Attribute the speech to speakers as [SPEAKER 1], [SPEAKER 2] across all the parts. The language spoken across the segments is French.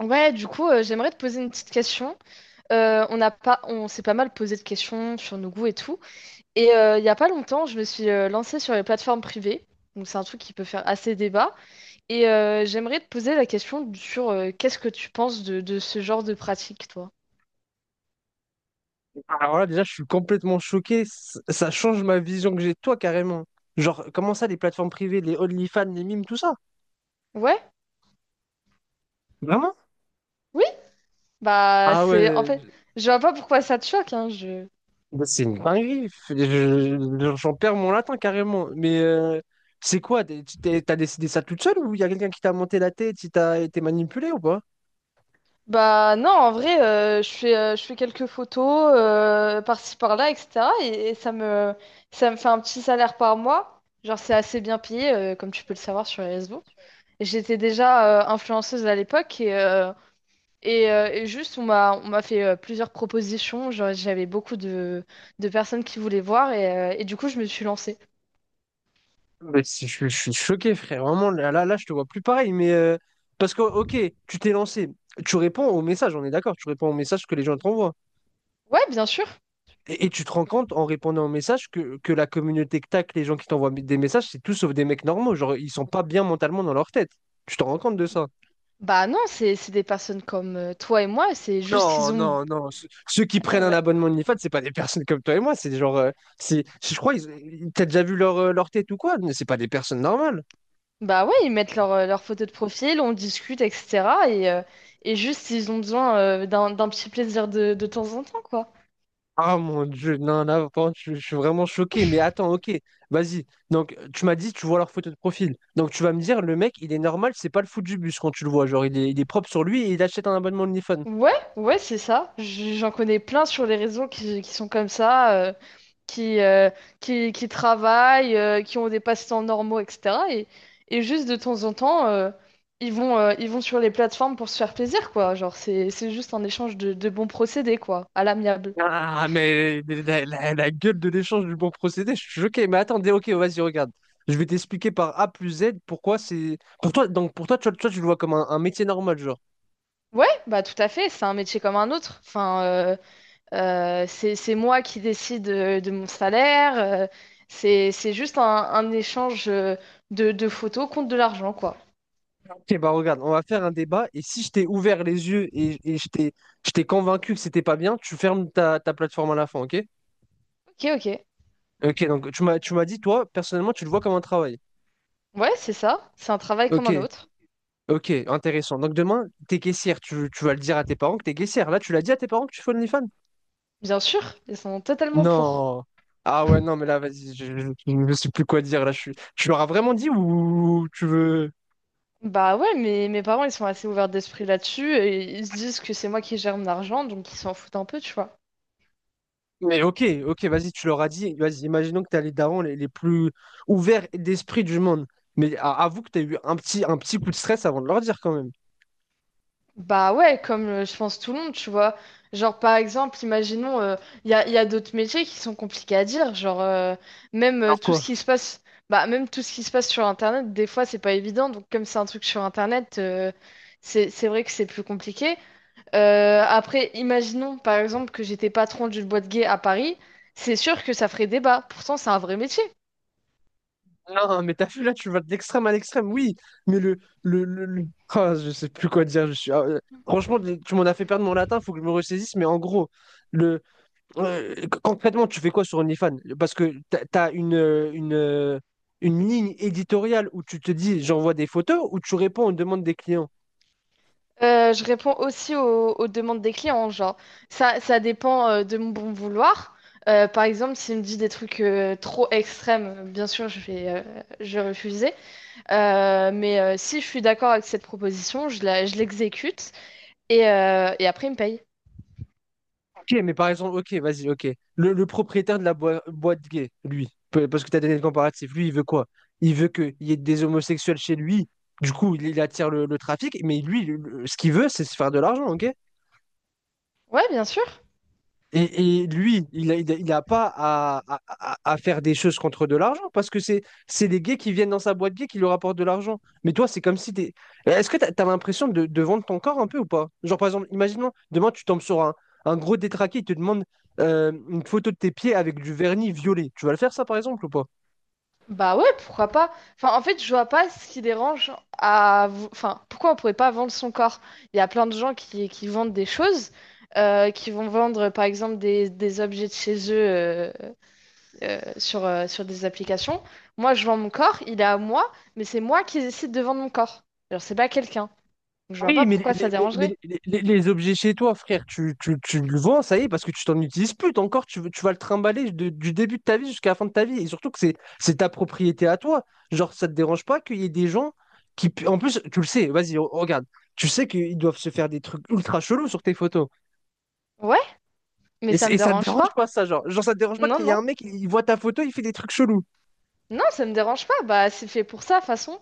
[SPEAKER 1] Ouais, du coup, j'aimerais te poser une petite question. On s'est pas mal posé de questions sur nos goûts et tout. Et il y a pas longtemps, je me suis lancée sur les plateformes privées. Donc c'est un truc qui peut faire assez débat. Et j'aimerais te poser la question sur qu'est-ce que tu penses de ce genre de pratique, toi?
[SPEAKER 2] Alors là, déjà, je suis complètement choqué. Ça change ma vision que j'ai de toi carrément. Genre, comment ça, les plateformes privées, les OnlyFans, les mimes, tout ça?
[SPEAKER 1] Ouais?
[SPEAKER 2] Vraiment?
[SPEAKER 1] Oui? Bah
[SPEAKER 2] Ah ouais,
[SPEAKER 1] c'est en fait, je vois pas pourquoi ça te choque, hein, je...
[SPEAKER 2] bah, c'est une dinguerie. J'en perds mon latin carrément. Mais c'est quoi? T'as décidé ça toute seule ou il y a quelqu'un qui t'a monté la tête, qui t'a été manipulé ou pas?
[SPEAKER 1] Bah non, en vrai, je fais quelques photos par-ci par-là, etc. Ça me fait un petit salaire par mois. Genre, c'est assez bien payé, comme tu peux le savoir sur les réseaux. Et j'étais déjà influenceuse à l'époque et juste, on m'a fait plusieurs propositions. Genre, j'avais beaucoup de personnes qui voulaient voir et du coup, je me suis lancée.
[SPEAKER 2] Mais si, je suis choqué, frère. Vraiment, là, là, là, je te vois plus pareil. Mais parce que, ok, tu t'es lancé. Tu réponds aux messages, on est d'accord. Tu réponds aux messages que les gens t'envoient.
[SPEAKER 1] Ouais, bien sûr.
[SPEAKER 2] Et tu te rends compte en répondant aux messages que la communauté que tac, les gens qui t'envoient des messages, c'est tout sauf des mecs normaux. Genre, ils sont pas bien mentalement dans leur tête. Tu te rends compte de ça?
[SPEAKER 1] Bah non, c'est des personnes comme toi et moi, c'est juste
[SPEAKER 2] Non,
[SPEAKER 1] qu'ils ont...
[SPEAKER 2] non, non. Ceux qui prennent un abonnement OnlyFans, c'est pas des personnes comme toi et moi. C'est genre, c'est, je crois, t'as déjà vu leur tête ou quoi? Mais c'est pas des personnes normales.
[SPEAKER 1] Bah ouais, ils mettent leur, leur photo de profil, on discute, etc. Et juste, ils ont besoin d'un petit plaisir de temps en temps, quoi.
[SPEAKER 2] Ah mon Dieu, non, là, par contre, je suis vraiment choqué. Mais attends, ok, vas-y. Donc, tu m'as dit, tu vois leur photo de profil. Donc, tu vas me dire, le mec, il est normal, c'est pas le fou du bus quand tu le vois. Genre, il est propre sur lui et il achète un abonnement OnlyFans.
[SPEAKER 1] Ouais, ouais, c'est ça. J- J'en connais plein sur les réseaux qui sont comme ça, qui, euh, qui travaillent, qui ont des passe-temps normaux, etc. Et juste de temps en temps, ils vont sur les plateformes pour se faire plaisir, quoi. Genre, c'est juste un échange de bons procédés, quoi, à l'amiable.
[SPEAKER 2] Ah, mais la gueule de l'échange du bon procédé, je suis choqué. Mais attendez, ok, vas-y, regarde. Je vais t'expliquer par A plus Z pourquoi c'est. Pour toi, donc pour toi, tu le vois comme un métier normal, genre.
[SPEAKER 1] Ouais, bah tout à fait, c'est un métier comme un autre. Enfin, c'est moi qui décide mon salaire. C'est juste un échange de photos contre de l'argent, quoi.
[SPEAKER 2] Ok, bah regarde, on va faire un débat et si je t'ai ouvert les yeux et je t'ai convaincu que c'était pas bien, tu fermes ta plateforme à la fin, ok?
[SPEAKER 1] Ok, ok.
[SPEAKER 2] Ok, donc tu m'as dit, toi, personnellement, tu le vois comme un travail.
[SPEAKER 1] Ouais, c'est ça. C'est un travail comme
[SPEAKER 2] Ok,
[SPEAKER 1] un autre.
[SPEAKER 2] ok, intéressant. Donc demain, t'es caissière, tu vas le dire à tes parents que t'es caissière. Là, tu l'as dit à tes parents que tu fais OnlyFans?
[SPEAKER 1] Bien sûr, ils sont totalement pour.
[SPEAKER 2] Non. Ah ouais, non, mais là, vas-y, je ne sais plus quoi dire. Là, tu leur as vraiment dit ou tu veux…
[SPEAKER 1] Bah ouais, mais mes parents, ils sont assez ouverts d'esprit là-dessus et ils se disent que c'est moi qui gère mon argent, donc ils s'en foutent un peu, tu vois.
[SPEAKER 2] Mais ok, ok, vas-y, tu leur as dit. Vas-y, imaginons que tu as les darons les plus ouverts d'esprit du monde. Mais avoue que tu as eu un petit coup de stress avant de leur dire quand même.
[SPEAKER 1] Bah ouais, comme je pense tout le monde, tu vois. Genre par exemple, imaginons, il y a d'autres métiers qui sont compliqués à dire, genre même
[SPEAKER 2] Alors
[SPEAKER 1] tout ce
[SPEAKER 2] quoi?
[SPEAKER 1] qui se passe, bah même tout ce qui se passe sur Internet, des fois c'est pas évident, donc comme c'est un truc sur Internet, c'est vrai que c'est plus compliqué. Après, imaginons par exemple que j'étais patron d'une boîte gay à Paris, c'est sûr que ça ferait débat, pourtant c'est un vrai métier.
[SPEAKER 2] Non, mais t'as vu, là, tu vas de l'extrême à l'extrême, oui. Ah, je sais plus quoi dire. Franchement, tu m'en as fait perdre mon latin, faut que je me ressaisisse. Mais en gros, Euh, concrètement, tu fais quoi sur OnlyFans? Parce que tu as une ligne éditoriale où tu te dis j'envoie des photos ou tu réponds aux demandes des clients.
[SPEAKER 1] Je réponds aussi aux demandes des clients, genre ça dépend de mon bon vouloir. Par exemple, s'il me dit des trucs trop extrêmes, bien sûr, je vais refuser. Si je suis d'accord avec cette proposition, je l'exécute et après, il me paye.
[SPEAKER 2] Ok, mais par exemple, ok, vas-y, ok. Le propriétaire de la boîte gay, lui, parce que tu as donné le comparatif, lui, il veut quoi? Il veut qu'il y ait des homosexuels chez lui, du coup, il attire le trafic, mais lui, ce qu'il veut, c'est se faire de l'argent, ok?
[SPEAKER 1] Ouais, bien sûr.
[SPEAKER 2] Et lui, il a pas à faire des choses contre de l'argent parce que c'est les gays qui viennent dans sa boîte gay qui lui rapportent de l'argent. Mais toi, c'est comme si t'es. Est-ce que t'as l'impression de vendre ton corps un peu ou pas? Genre, par exemple, imaginons, demain, tu tombes sur un gros détraqué, il te demande une photo de tes pieds avec du vernis violet. Tu vas le faire, ça, par exemple, ou pas?
[SPEAKER 1] Bah ouais, pourquoi pas? Enfin, en fait, je vois pas ce qui dérange à... vou- Enfin, pourquoi on pourrait pas vendre son corps? Il y a plein de gens qui vendent des choses, qui vont vendre, par exemple, des objets de chez eux sur des applications. Moi, je vends mon corps, il est à moi, mais c'est moi qui décide de vendre mon corps. Alors, c'est pas quelqu'un. Donc, je vois
[SPEAKER 2] Oui,
[SPEAKER 1] pas
[SPEAKER 2] mais,
[SPEAKER 1] pourquoi ça
[SPEAKER 2] les, mais- mais
[SPEAKER 1] dérangerait.
[SPEAKER 2] les- les- les objets chez toi, frère, tu le vends, ça y est, parce que tu t'en utilises plus. T'as Encore, tu vas le trimballer du début de ta vie jusqu'à la fin de ta vie. Et surtout que c'est ta propriété à toi. Genre, ça te dérange pas qu'il y ait des gens qui... pu- En plus, tu le sais, vas-y, regarde. Tu sais qu'ils doivent se faire des trucs ultra chelous sur tes photos.
[SPEAKER 1] Ouais, mais
[SPEAKER 2] Et,
[SPEAKER 1] ça
[SPEAKER 2] c'est-
[SPEAKER 1] me
[SPEAKER 2] et ça te
[SPEAKER 1] dérange
[SPEAKER 2] dérange
[SPEAKER 1] pas.
[SPEAKER 2] pas, ça, genre. Genre, ça te dérange pas qu'il
[SPEAKER 1] Non,
[SPEAKER 2] y ait
[SPEAKER 1] non.
[SPEAKER 2] un mec, il voit ta photo, il fait des trucs chelous.
[SPEAKER 1] Non, ça me dérange pas. Bah, c'est fait pour ça, de toute façon.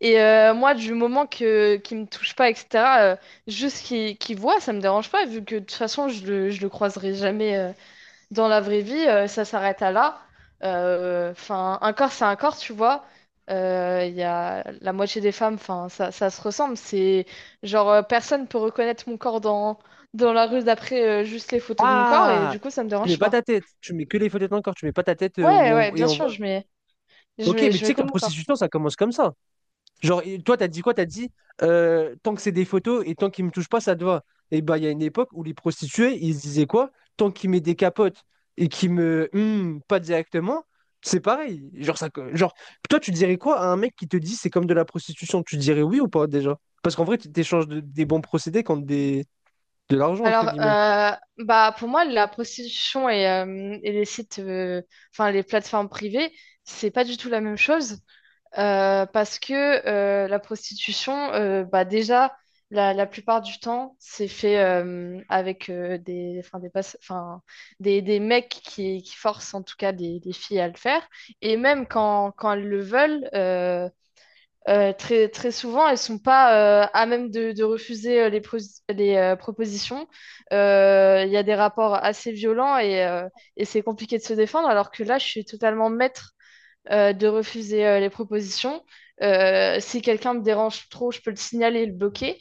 [SPEAKER 1] Et moi, du moment que qu'il me touche pas, etc., euh, juste qu'il voit, ça me dérange pas, vu que de toute façon, je le croiserai jamais dans la vraie vie, ça s'arrête à là. Enfin, un corps, c'est un corps, tu vois. Il y a la moitié des femmes, enfin, ça se ressemble. C'est genre, personne peut reconnaître mon corps dans la rue d'après juste les photos de mon corps, et
[SPEAKER 2] Ah!
[SPEAKER 1] du coup, ça me
[SPEAKER 2] Tu mets
[SPEAKER 1] dérange
[SPEAKER 2] pas
[SPEAKER 1] pas.
[SPEAKER 2] ta tête. Tu mets que les photos de ton corps. Tu mets pas ta tête où
[SPEAKER 1] Ouais, ouais,
[SPEAKER 2] et
[SPEAKER 1] bien
[SPEAKER 2] on
[SPEAKER 1] sûr,
[SPEAKER 2] voit. Ok, mais
[SPEAKER 1] je
[SPEAKER 2] tu
[SPEAKER 1] mets
[SPEAKER 2] sais que
[SPEAKER 1] comme
[SPEAKER 2] la
[SPEAKER 1] mon corps.
[SPEAKER 2] prostitution, ça commence comme ça. Genre, et toi, t'as dit quoi? T'as dit tant que c'est des photos et tant qu'ils me touchent pas, ça te va. Et bah, il y a une époque où les prostituées, ils se disaient quoi? Tant qu'ils met des capotes et qu'ils me pas directement, c'est pareil. Genre, toi, tu dirais quoi à un mec qui te dit c'est comme de la prostitution? Tu dirais oui ou pas déjà? Parce qu'en vrai, tu t'échanges des bons procédés contre de l'argent, entre
[SPEAKER 1] Alors,
[SPEAKER 2] guillemets.
[SPEAKER 1] bah pour moi, et les sites, enfin les plateformes privées, c'est pas du tout la même chose parce que la prostitution, bah déjà la plupart du temps, c'est fait avec des, enfin des, passe- enfin des mecs qui forcent en tout cas des filles à le faire et même quand elles le veulent. Très, très souvent, elles sont pas à même de refuser les, pro- les propositions. Il y a des rapports assez violents et c'est compliqué de se défendre, alors que là, je suis totalement maître de refuser les propositions. Si quelqu'un me dérange trop, je peux le signaler et le bloquer.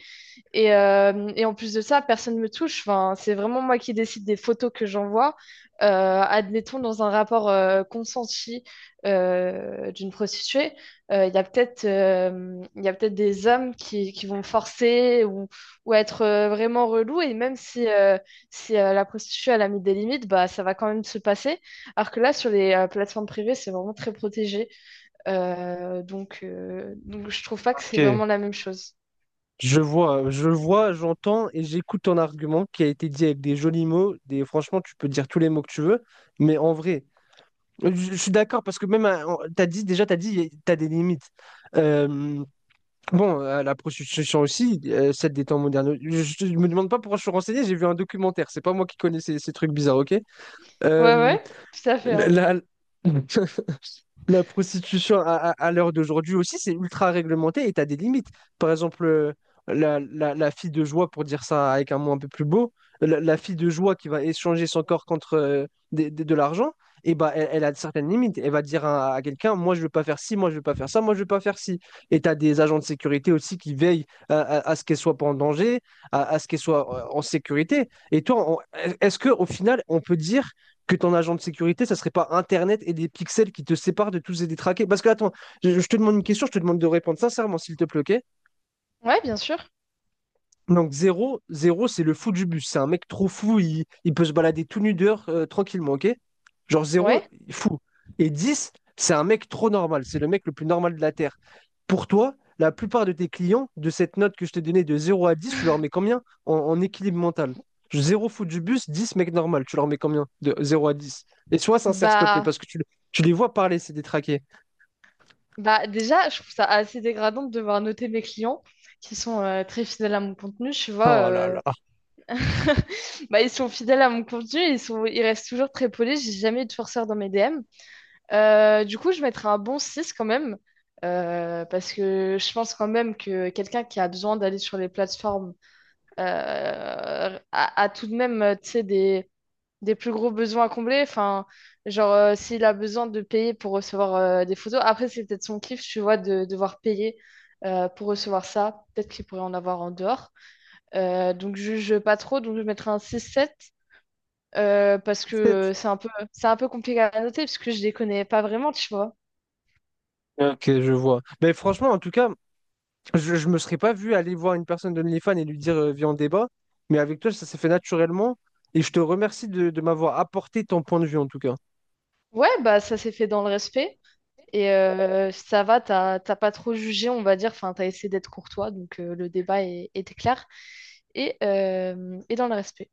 [SPEAKER 1] Et en plus de ça, personne ne me touche. Enfin, c'est vraiment moi qui décide des photos que j'envoie. Euh, Admettons, dans un rapport consenti d'une prostituée, il y a peut-être des hommes qui vont forcer ou être vraiment relous. Et même si, si la prostituée elle a mis des limites, bah, ça va quand même se passer. Alors que là, sur les plateformes privées, c'est vraiment très protégé. Donc, je trouve pas que c'est
[SPEAKER 2] Ok.
[SPEAKER 1] vraiment la même chose.
[SPEAKER 2] Je vois, j'entends et j'écoute ton argument qui a été dit avec des jolis mots. Franchement, tu peux dire tous les mots que tu veux, mais en vrai. Je suis d'accord parce que même, t'as dit, déjà, t'as des limites. Euh, bon, à la prostitution aussi, celle des temps modernes. Me demande pas pourquoi je suis renseigné, j'ai vu un documentaire. C'est pas moi qui connais ces trucs bizarres, ok?
[SPEAKER 1] Ouais,
[SPEAKER 2] Euh,
[SPEAKER 1] ouais, tout à fait, hein.
[SPEAKER 2] la, La prostitution à l'heure d'aujourd'hui aussi, c'est ultra réglementé et tu as des limites. Par exemple, la fille de joie, pour dire ça avec un mot un peu plus beau, la fille de joie qui va échanger son corps contre l'argent, et bah, elle a certaines limites. Elle va dire à quelqu'un, moi je veux pas faire ci, moi je veux pas faire ça, moi je veux pas faire ci. Et tu as des agents de sécurité aussi qui veillent à ce qu'elle soit pas en danger, à ce qu'elle soit en sécurité. Et toi, est-ce que au final, on peut dire que ton agent de sécurité, ça serait pas Internet et des pixels qui te séparent de tous et des traqués. Parce que, attends, je te demande une question, je te demande de répondre sincèrement, s'il te plaît, ok.
[SPEAKER 1] Ouais, bien sûr.
[SPEAKER 2] Donc 0, 0, c'est le fou du bus. C'est un mec trop fou, il peut se balader tout nu dehors tranquillement, ok? Genre 0,
[SPEAKER 1] Ouais.
[SPEAKER 2] fou. Et 10, c'est un mec trop normal. C'est le mec le plus normal de la Terre. Pour toi, la plupart de tes clients, de cette note que je t'ai donnée de 0 à 10, tu leur mets combien en équilibre mental? 0 fou du bus, 10 mec normal. Tu leur mets combien de 0 à 10. Et sois sincère, s'il te plaît,
[SPEAKER 1] Bah,
[SPEAKER 2] parce que tu les vois parler, c'est détraqués.
[SPEAKER 1] Bah déjà, je trouve ça assez dégradant de devoir noter mes clients qui sont très fidèles à mon contenu. Tu vois,
[SPEAKER 2] Oh là là.
[SPEAKER 1] bah, ils sont fidèles à mon contenu, ils restent toujours très polis. J'ai jamais eu de forceur dans mes DM. Du coup, je mettrais un bon 6 quand même, parce que je pense quand même que quelqu'un qui a besoin d'aller sur les plateformes a tout de même, tu sais, des plus gros besoins à combler. Enfin, genre, s'il a besoin de payer pour recevoir des photos, après, c'est peut-être son kiff, tu vois, de devoir payer pour recevoir ça. Peut-être qu'il pourrait en avoir en dehors. Donc, je juge pas trop. Donc, je mettrais un 6-7 parce que
[SPEAKER 2] 7.
[SPEAKER 1] c'est un peu compliqué à noter parce que je les connais pas vraiment, tu vois.
[SPEAKER 2] Ok, je vois. Mais franchement, en tout cas. Je me serais pas vu aller voir une personne de d'OnlyFans et lui dire viens on débat, mais avec toi ça s'est fait naturellement et je te remercie de m'avoir apporté ton point de vue en tout cas.
[SPEAKER 1] Ouais, bah, ça s'est fait dans le respect. Et ça va, t'as pas trop jugé, on va dire. Enfin, t'as essayé d'être courtois, donc le débat était clair et dans le respect.